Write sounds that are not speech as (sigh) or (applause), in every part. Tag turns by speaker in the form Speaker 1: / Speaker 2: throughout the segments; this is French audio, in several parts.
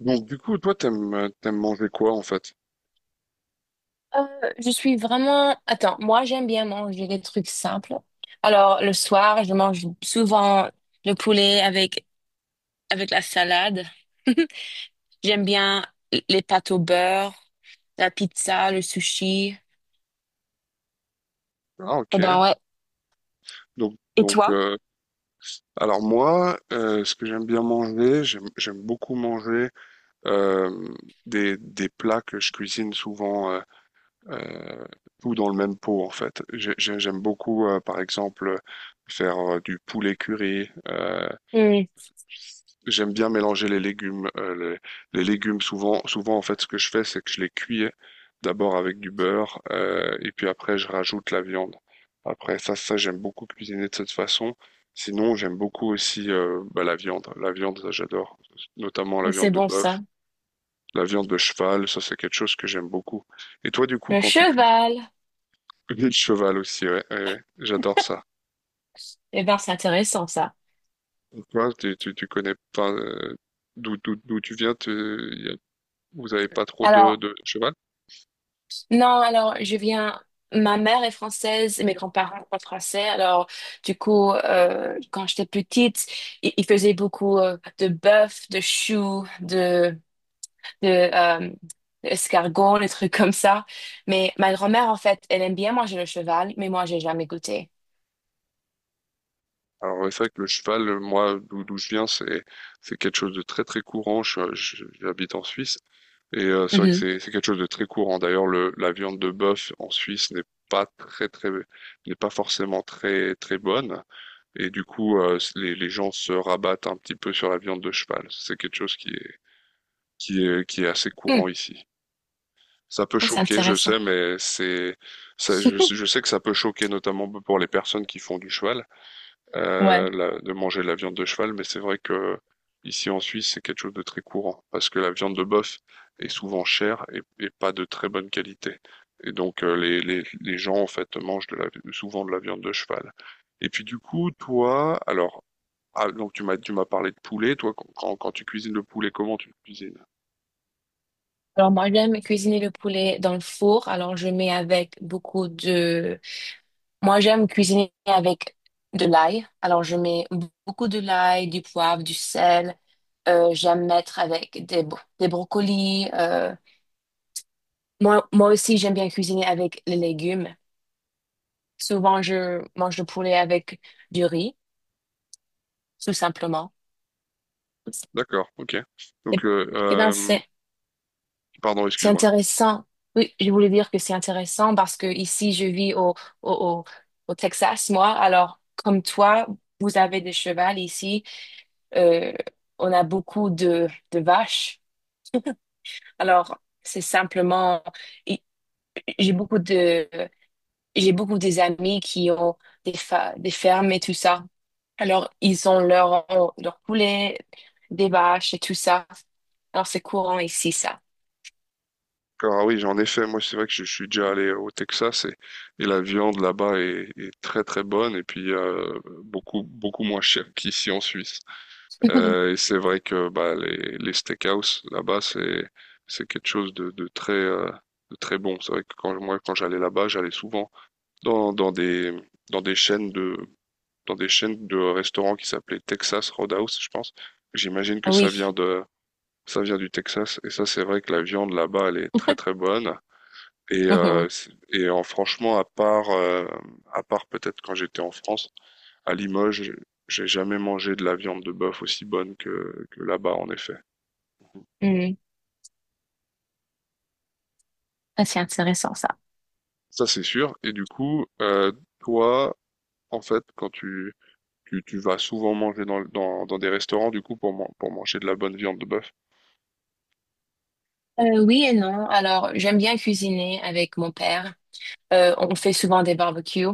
Speaker 1: Donc du coup, toi, t'aimes manger quoi en fait?
Speaker 2: Je suis vraiment... Attends, moi j'aime bien manger des trucs simples. Alors le soir, je mange souvent le poulet avec la salade. (laughs) J'aime bien les pâtes au beurre, la pizza, le sushi.
Speaker 1: Ah ok.
Speaker 2: Eh ben ouais.
Speaker 1: Donc
Speaker 2: Et
Speaker 1: donc
Speaker 2: toi?
Speaker 1: euh, alors moi, ce que j'aime bien manger, j'aime beaucoup manger euh, des plats que je cuisine souvent euh, tout dans le même pot en fait. J'aime beaucoup par exemple faire du poulet curry.
Speaker 2: Hmm,
Speaker 1: J'aime bien mélanger les légumes. Les légumes, souvent, souvent en fait, ce que je fais, c'est que je les cuis d'abord avec du beurre, et puis après, je rajoute la viande. Après ça, j'aime beaucoup cuisiner de cette façon. Sinon, j'aime beaucoup aussi bah, la viande. La viande, ça, j'adore, notamment la viande
Speaker 2: c'est
Speaker 1: de
Speaker 2: bon ça.
Speaker 1: bœuf, la viande de cheval. Ça, c'est quelque chose que j'aime beaucoup. Et toi, du coup,
Speaker 2: Le
Speaker 1: quand tu cuisines
Speaker 2: cheval.
Speaker 1: (laughs) le cheval aussi, ouais, ouais, ouais, j'adore ça.
Speaker 2: Eh ben c'est intéressant ça.
Speaker 1: Et toi, tu connais pas d'où tu viens, tu, vous n'avez pas trop
Speaker 2: Alors,
Speaker 1: de cheval?
Speaker 2: non, alors je viens. Ma mère est française et mes grands-parents sont français. Alors, du coup, quand j'étais petite, ils faisaient beaucoup de bœuf, de choux, de escargots, des trucs comme ça. Mais ma grand-mère, en fait, elle aime bien manger le cheval, mais moi, j'ai jamais goûté.
Speaker 1: Alors c'est vrai que le cheval, moi, d'où je viens, c'est quelque chose de très très courant. Je, j'habite en Suisse et c'est vrai que
Speaker 2: Mhm.
Speaker 1: c'est quelque chose de très courant. D'ailleurs, le la viande de bœuf en Suisse n'est pas très n'est pas forcément très très bonne et du coup les gens se rabattent un petit peu sur la viande de cheval. C'est quelque chose qui est assez
Speaker 2: Hmm.
Speaker 1: courant ici. Ça peut
Speaker 2: Oh, c'est
Speaker 1: choquer, je
Speaker 2: intéressant.
Speaker 1: sais, mais
Speaker 2: (laughs)
Speaker 1: je sais que ça peut choquer notamment pour les personnes qui font du cheval.
Speaker 2: Ouais.
Speaker 1: De manger la viande de cheval, mais c'est vrai que ici en Suisse, c'est quelque chose de très courant, parce que la viande de bœuf est souvent chère et pas de très bonne qualité. Et donc les gens en fait mangent souvent de la viande de cheval. Et puis du coup, toi, alors, ah, donc tu m'as parlé de poulet, toi, quand tu cuisines le poulet, comment tu le cuisines?
Speaker 2: Alors moi, j'aime cuisiner le poulet dans le four. Alors je mets avec beaucoup de... Moi, j'aime cuisiner avec de l'ail. Alors, je mets beaucoup de l'ail, du poivre, du sel. J'aime mettre avec des brocolis. Moi, moi aussi, j'aime bien cuisiner avec les légumes. Souvent, je mange le poulet avec du riz, tout simplement.
Speaker 1: D'accord, ok. Donc,
Speaker 2: Et,
Speaker 1: euh,
Speaker 2: et ben,
Speaker 1: euh,
Speaker 2: c'est,
Speaker 1: pardon,
Speaker 2: c'est
Speaker 1: excuse-moi.
Speaker 2: intéressant. Oui, je voulais dire que c'est intéressant parce que ici, je vis au, au, au Texas, moi. Alors, comme toi, vous avez des chevals ici. euh, on a beaucoup de vaches. Alors, c'est simplement, i- j'ai beaucoup de, j'ai beaucoup des amis qui ont des fermes et tout ça. Alors, ils leur poulet, des vaches et tout ça. Alors, c'est courant ici, ça.
Speaker 1: Alors, ah oui, en effet, moi c'est vrai que je suis déjà allé au Texas et la viande là-bas est très très bonne et puis beaucoup beaucoup moins chère qu'ici en Suisse.
Speaker 2: (laughs)
Speaker 1: Et c'est vrai que bah, les steakhouse là-bas c'est quelque chose de très bon. C'est vrai que quand j'allais là-bas, j'allais souvent dans, dans des dans des chaînes de dans des chaînes de restaurants qui s'appelaient Texas Roadhouse, je pense. J'imagine que
Speaker 2: Oui.
Speaker 1: ça vient du Texas et ça c'est vrai que la viande là-bas elle est très très bonne.
Speaker 2: Mhm.
Speaker 1: Et en, franchement, à part peut-être quand j'étais en France, à Limoges, j'ai jamais mangé de la viande de bœuf aussi bonne que là-bas, en effet.
Speaker 2: Mm. Ah, c'est intéressant, ça.
Speaker 1: Ça, c'est sûr. Et du coup, toi, en fait, tu vas souvent manger dans des restaurants, du coup, pour manger de la bonne viande de bœuf.
Speaker 2: Oui et non. Alors, j'aime bien cuisiner avec mon père. On fait souvent des barbecues.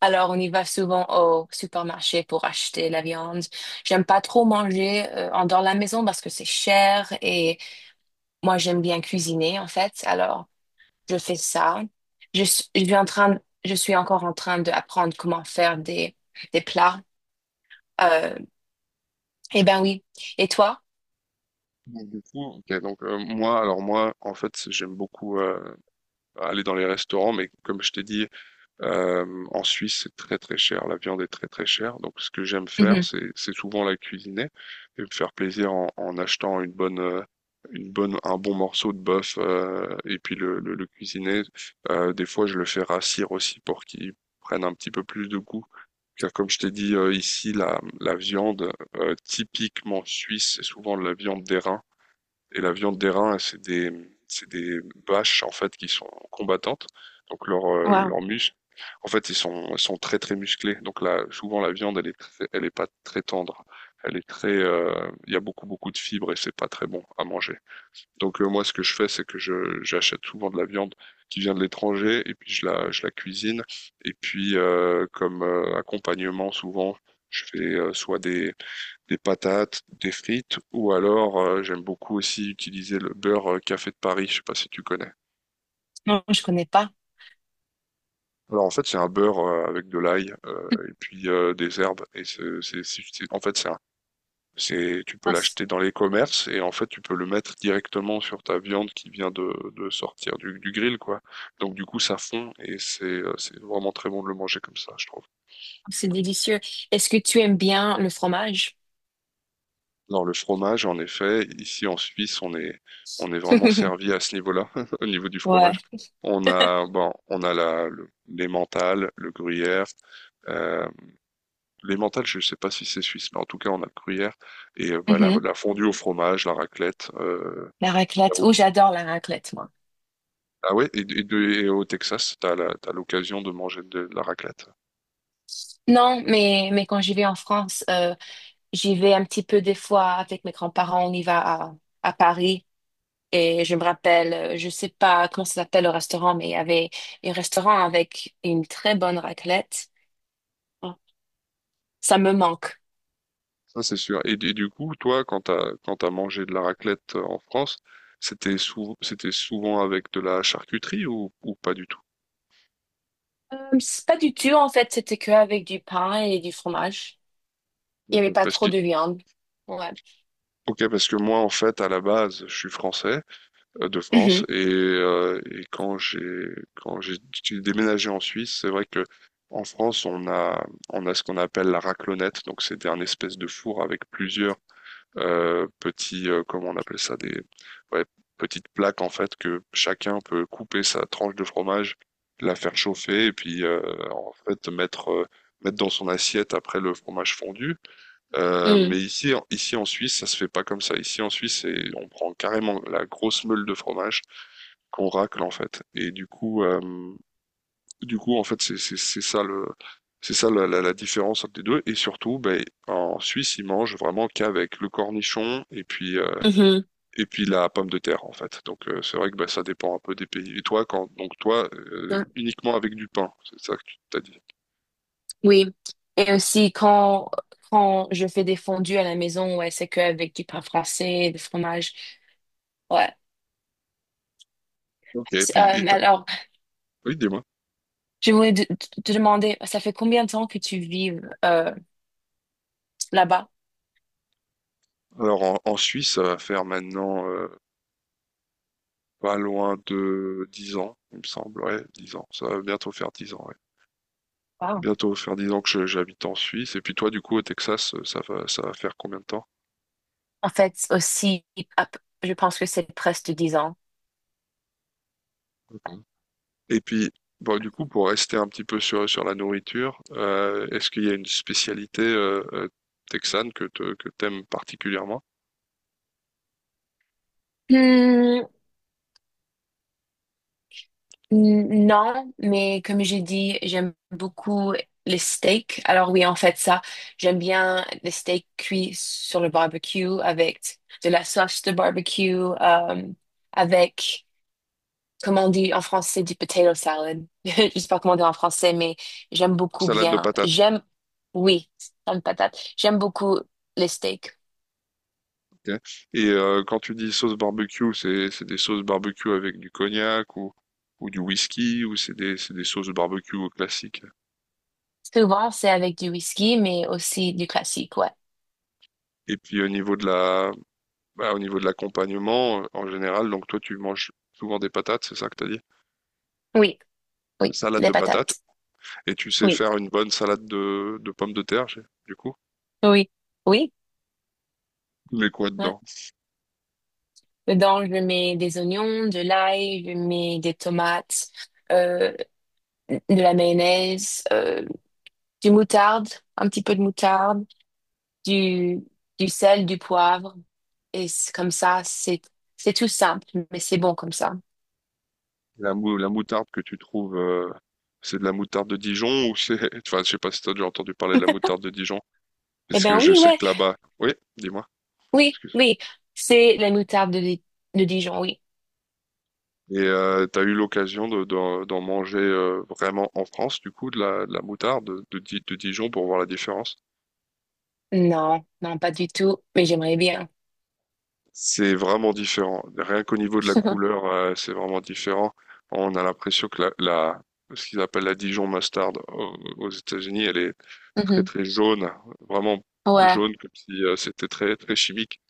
Speaker 2: Alors, on y va souvent au supermarché pour acheter la viande. J'aime pas trop manger en dans la maison parce que c'est cher et moi j'aime bien cuisiner en fait. Alors, je fais ça. Je suis en train, je suis encore en train d'apprendre comment faire des plats. Euh, eh ben oui. Et toi?
Speaker 1: Ok. Alors moi, en fait, j'aime beaucoup aller dans les restaurants, mais comme je t'ai dit, en Suisse, c'est très très cher, la viande est très très chère. Donc ce que j'aime faire,
Speaker 2: Mhm.
Speaker 1: c'est souvent la cuisiner et me faire plaisir en achetant une bonne un bon morceau de bœuf et puis le cuisiner. Des fois, je le fais rassir aussi pour qu'il prenne un petit peu plus de goût. Car comme je t'ai dit ici, la viande typiquement suisse, c'est souvent de la viande d'airain. Et la viande des reins, c'est des vaches en fait qui sont combattantes. Donc
Speaker 2: Wow.
Speaker 1: leurs muscles, en fait, ils sont très très musclés. Donc là, souvent la viande, elle est pas très tendre. Elle est très, il y a beaucoup beaucoup de fibres et c'est pas très bon à manger. Donc moi, ce que je fais, c'est que j'achète souvent de la viande qui vient de l'étranger et puis je la cuisine. Et puis comme accompagnement, souvent, je fais soit des patates, des frites, ou alors j'aime beaucoup aussi utiliser le beurre café de Paris, je sais pas si tu connais.
Speaker 2: Non, je connais pas.
Speaker 1: Alors en fait c'est un beurre avec de l'ail et
Speaker 2: (laughs)
Speaker 1: puis des herbes et en fait c'est tu peux
Speaker 2: Ah, c'est
Speaker 1: l'acheter dans les commerces et en fait tu peux le mettre directement sur ta viande qui vient de sortir du grill quoi. Donc du coup ça fond et c'est vraiment très bon de le manger comme ça, je trouve.
Speaker 2: c'est délicieux. Est-ce que tu aimes bien le fromage?
Speaker 1: Dans le fromage, en effet, ici en Suisse, on est vraiment servi
Speaker 2: (laughs)
Speaker 1: à ce niveau-là, (laughs) au niveau du
Speaker 2: Ouais.
Speaker 1: fromage. On a, bon, on a l'emmental, le gruyère. Euh, L'emmental, je ne sais pas si c'est suisse, mais en tout cas, on a le gruyère. Et bah,
Speaker 2: Mhm.
Speaker 1: la fondue au fromage, la raclette.
Speaker 2: La raclette. Oh,
Speaker 1: Là-haut.
Speaker 2: j'adore la raclette, moi.
Speaker 1: Ah ouais, et au Texas, tu as l'occasion de manger de la raclette?
Speaker 2: Non, mais quand j'y vais en France, j'y vais un petit peu des fois avec mes grands-parents. On y va à, à Paris. Et je me rappelle, je sais pas comment ça s'appelle le restaurant, mais il y avait un restaurant avec une très bonne raclette. Oh, ça me manque.
Speaker 1: Ça, c'est sûr. Et du coup, toi, quand t'as mangé de la raclette en France, c'était souvent avec de la charcuterie ou pas du tout?
Speaker 2: C'est pas du tout, en fait. C'était que avec du pain et du fromage. Il y avait
Speaker 1: D'accord.
Speaker 2: pas trop de viande. Ouais.
Speaker 1: Ok, parce que moi, en fait, à la base, je suis français, de France,
Speaker 2: Mhm.
Speaker 1: et quand j'ai déménagé en Suisse, c'est vrai que en France, on a ce qu'on appelle la raclonette, donc c'est un espèce de four avec plusieurs comment on appelle ça, ouais, petites plaques en fait que chacun peut couper sa tranche de fromage, la faire chauffer et puis en fait mettre dans son assiette après le fromage fondu.
Speaker 2: Mm.
Speaker 1: Mais ici en Suisse ça se fait pas comme ça. Ici en Suisse on prend carrément la grosse meule de fromage qu'on racle en fait. Et du coup en fait c'est ça le c'est ça la différence entre les deux. Et surtout, ben, en Suisse, ils mangent vraiment qu'avec le cornichon
Speaker 2: Mhm.
Speaker 1: et puis la pomme de terre en fait. Donc c'est vrai que bah, ça dépend un peu des pays. Et toi, quand donc toi
Speaker 2: Mm.
Speaker 1: uniquement avec du pain, c'est ça que tu t'as dit.
Speaker 2: Oui. Et aussi, quand je fais des fondues à la maison, ouais, c'est que avec du pain français, du fromage. Ouais.
Speaker 1: Ok.
Speaker 2: Alors,
Speaker 1: Oui, dis-moi.
Speaker 2: je voulais te demander, ça fait combien de temps que tu vis euh, là-bas?
Speaker 1: Alors en Suisse, ça va faire maintenant pas loin de 10 ans, il me semble. Ouais, 10 ans. Ça va bientôt faire 10 ans. Ouais.
Speaker 2: Wow.
Speaker 1: Bientôt faire 10 ans que j'habite en Suisse. Et puis toi, du coup, au Texas, ça va faire combien de temps?
Speaker 2: En fait, aussi, à je pense que c'est presque 10 ans.
Speaker 1: Et puis, bon, du coup, pour rester un petit peu sur la nourriture, est-ce qu'il y a une spécialité texane que t'aimes particulièrement?
Speaker 2: Hmm, non, mais comme j'ai dit, j'aime beaucoup les steaks. Alors oui, en fait, ça, j'aime bien les steaks cuits sur le barbecue avec de la sauce de barbecue, avec... Comment on dit en français du potato salad? (laughs) Je sais pas comment on dit en français, mais j'aime beaucoup
Speaker 1: Salade de
Speaker 2: bien.
Speaker 1: patates.
Speaker 2: J'aime, oui, une patate. J'aime beaucoup les steaks.
Speaker 1: Ok. Et quand tu dis sauce barbecue, c'est des sauces barbecue avec du cognac ou du whisky ou c'est des sauces barbecue classiques.
Speaker 2: Souvent, c'est avec du whisky, mais aussi du classique, ouais.
Speaker 1: Et puis au niveau bah, au niveau de l'accompagnement, en général, donc toi tu manges souvent des patates, c'est ça que t'as dit?
Speaker 2: Oui, oui,
Speaker 1: Salade
Speaker 2: les
Speaker 1: de patates.
Speaker 2: patates.
Speaker 1: Et tu sais
Speaker 2: Oui,
Speaker 1: faire une bonne salade de pommes de terre, du coup?
Speaker 2: oui, oui.
Speaker 1: Mais quoi
Speaker 2: Ouais.
Speaker 1: dedans?
Speaker 2: Dedans, je mets des oignons, de l'ail, je mets des tomates, euh, de la mayonnaise, du moutarde, un petit peu de moutarde. du, du sel, du poivre. Et c'est comme ça, c'est tout simple, mais c'est bon comme ça.
Speaker 1: La moutarde que tu trouves, c'est de la moutarde de Dijon ou c'est... (laughs) Enfin, je sais pas si t'as déjà entendu parler de la moutarde de Dijon,
Speaker 2: Eh
Speaker 1: parce que
Speaker 2: ben
Speaker 1: je
Speaker 2: oui,
Speaker 1: sais
Speaker 2: ouais,
Speaker 1: que là-bas... Oui, dis-moi,
Speaker 2: oui,
Speaker 1: excuse.
Speaker 2: oui. C'est la moutarde de Dijon, oui.
Speaker 1: Et t'as eu l'occasion de, d'en manger vraiment en France, du coup, de la moutarde de, de Dijon pour voir la différence?
Speaker 2: Non, non, pas du tout, mais j'aimerais bien.
Speaker 1: C'est vraiment différent. Rien qu'au niveau de la
Speaker 2: (laughs)
Speaker 1: couleur, c'est vraiment différent. On a l'impression que ce qu'ils appellent la Dijon mustard aux États-Unis, elle est très
Speaker 2: Mhm.
Speaker 1: très jaune, vraiment
Speaker 2: Ouais,
Speaker 1: jaune comme si c'était très très chimique.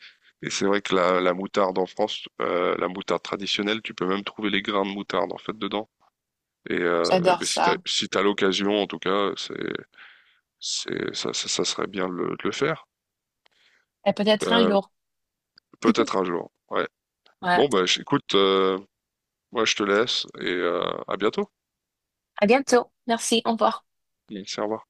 Speaker 1: Et c'est vrai que la moutarde en France, la moutarde traditionnelle, tu peux même trouver les grains de moutarde en fait dedans. Et eh
Speaker 2: j'adore
Speaker 1: ben,
Speaker 2: ça.
Speaker 1: si t'as l'occasion, en tout cas, ça serait bien de le faire.
Speaker 2: Et peut-être un
Speaker 1: Euh,
Speaker 2: jour.
Speaker 1: Peut-être un jour. Ouais.
Speaker 2: Ouais.
Speaker 1: Bon, bah, écoute, ouais, je te laisse et à bientôt.
Speaker 2: À bientôt. Merci, au revoir.
Speaker 1: Serva.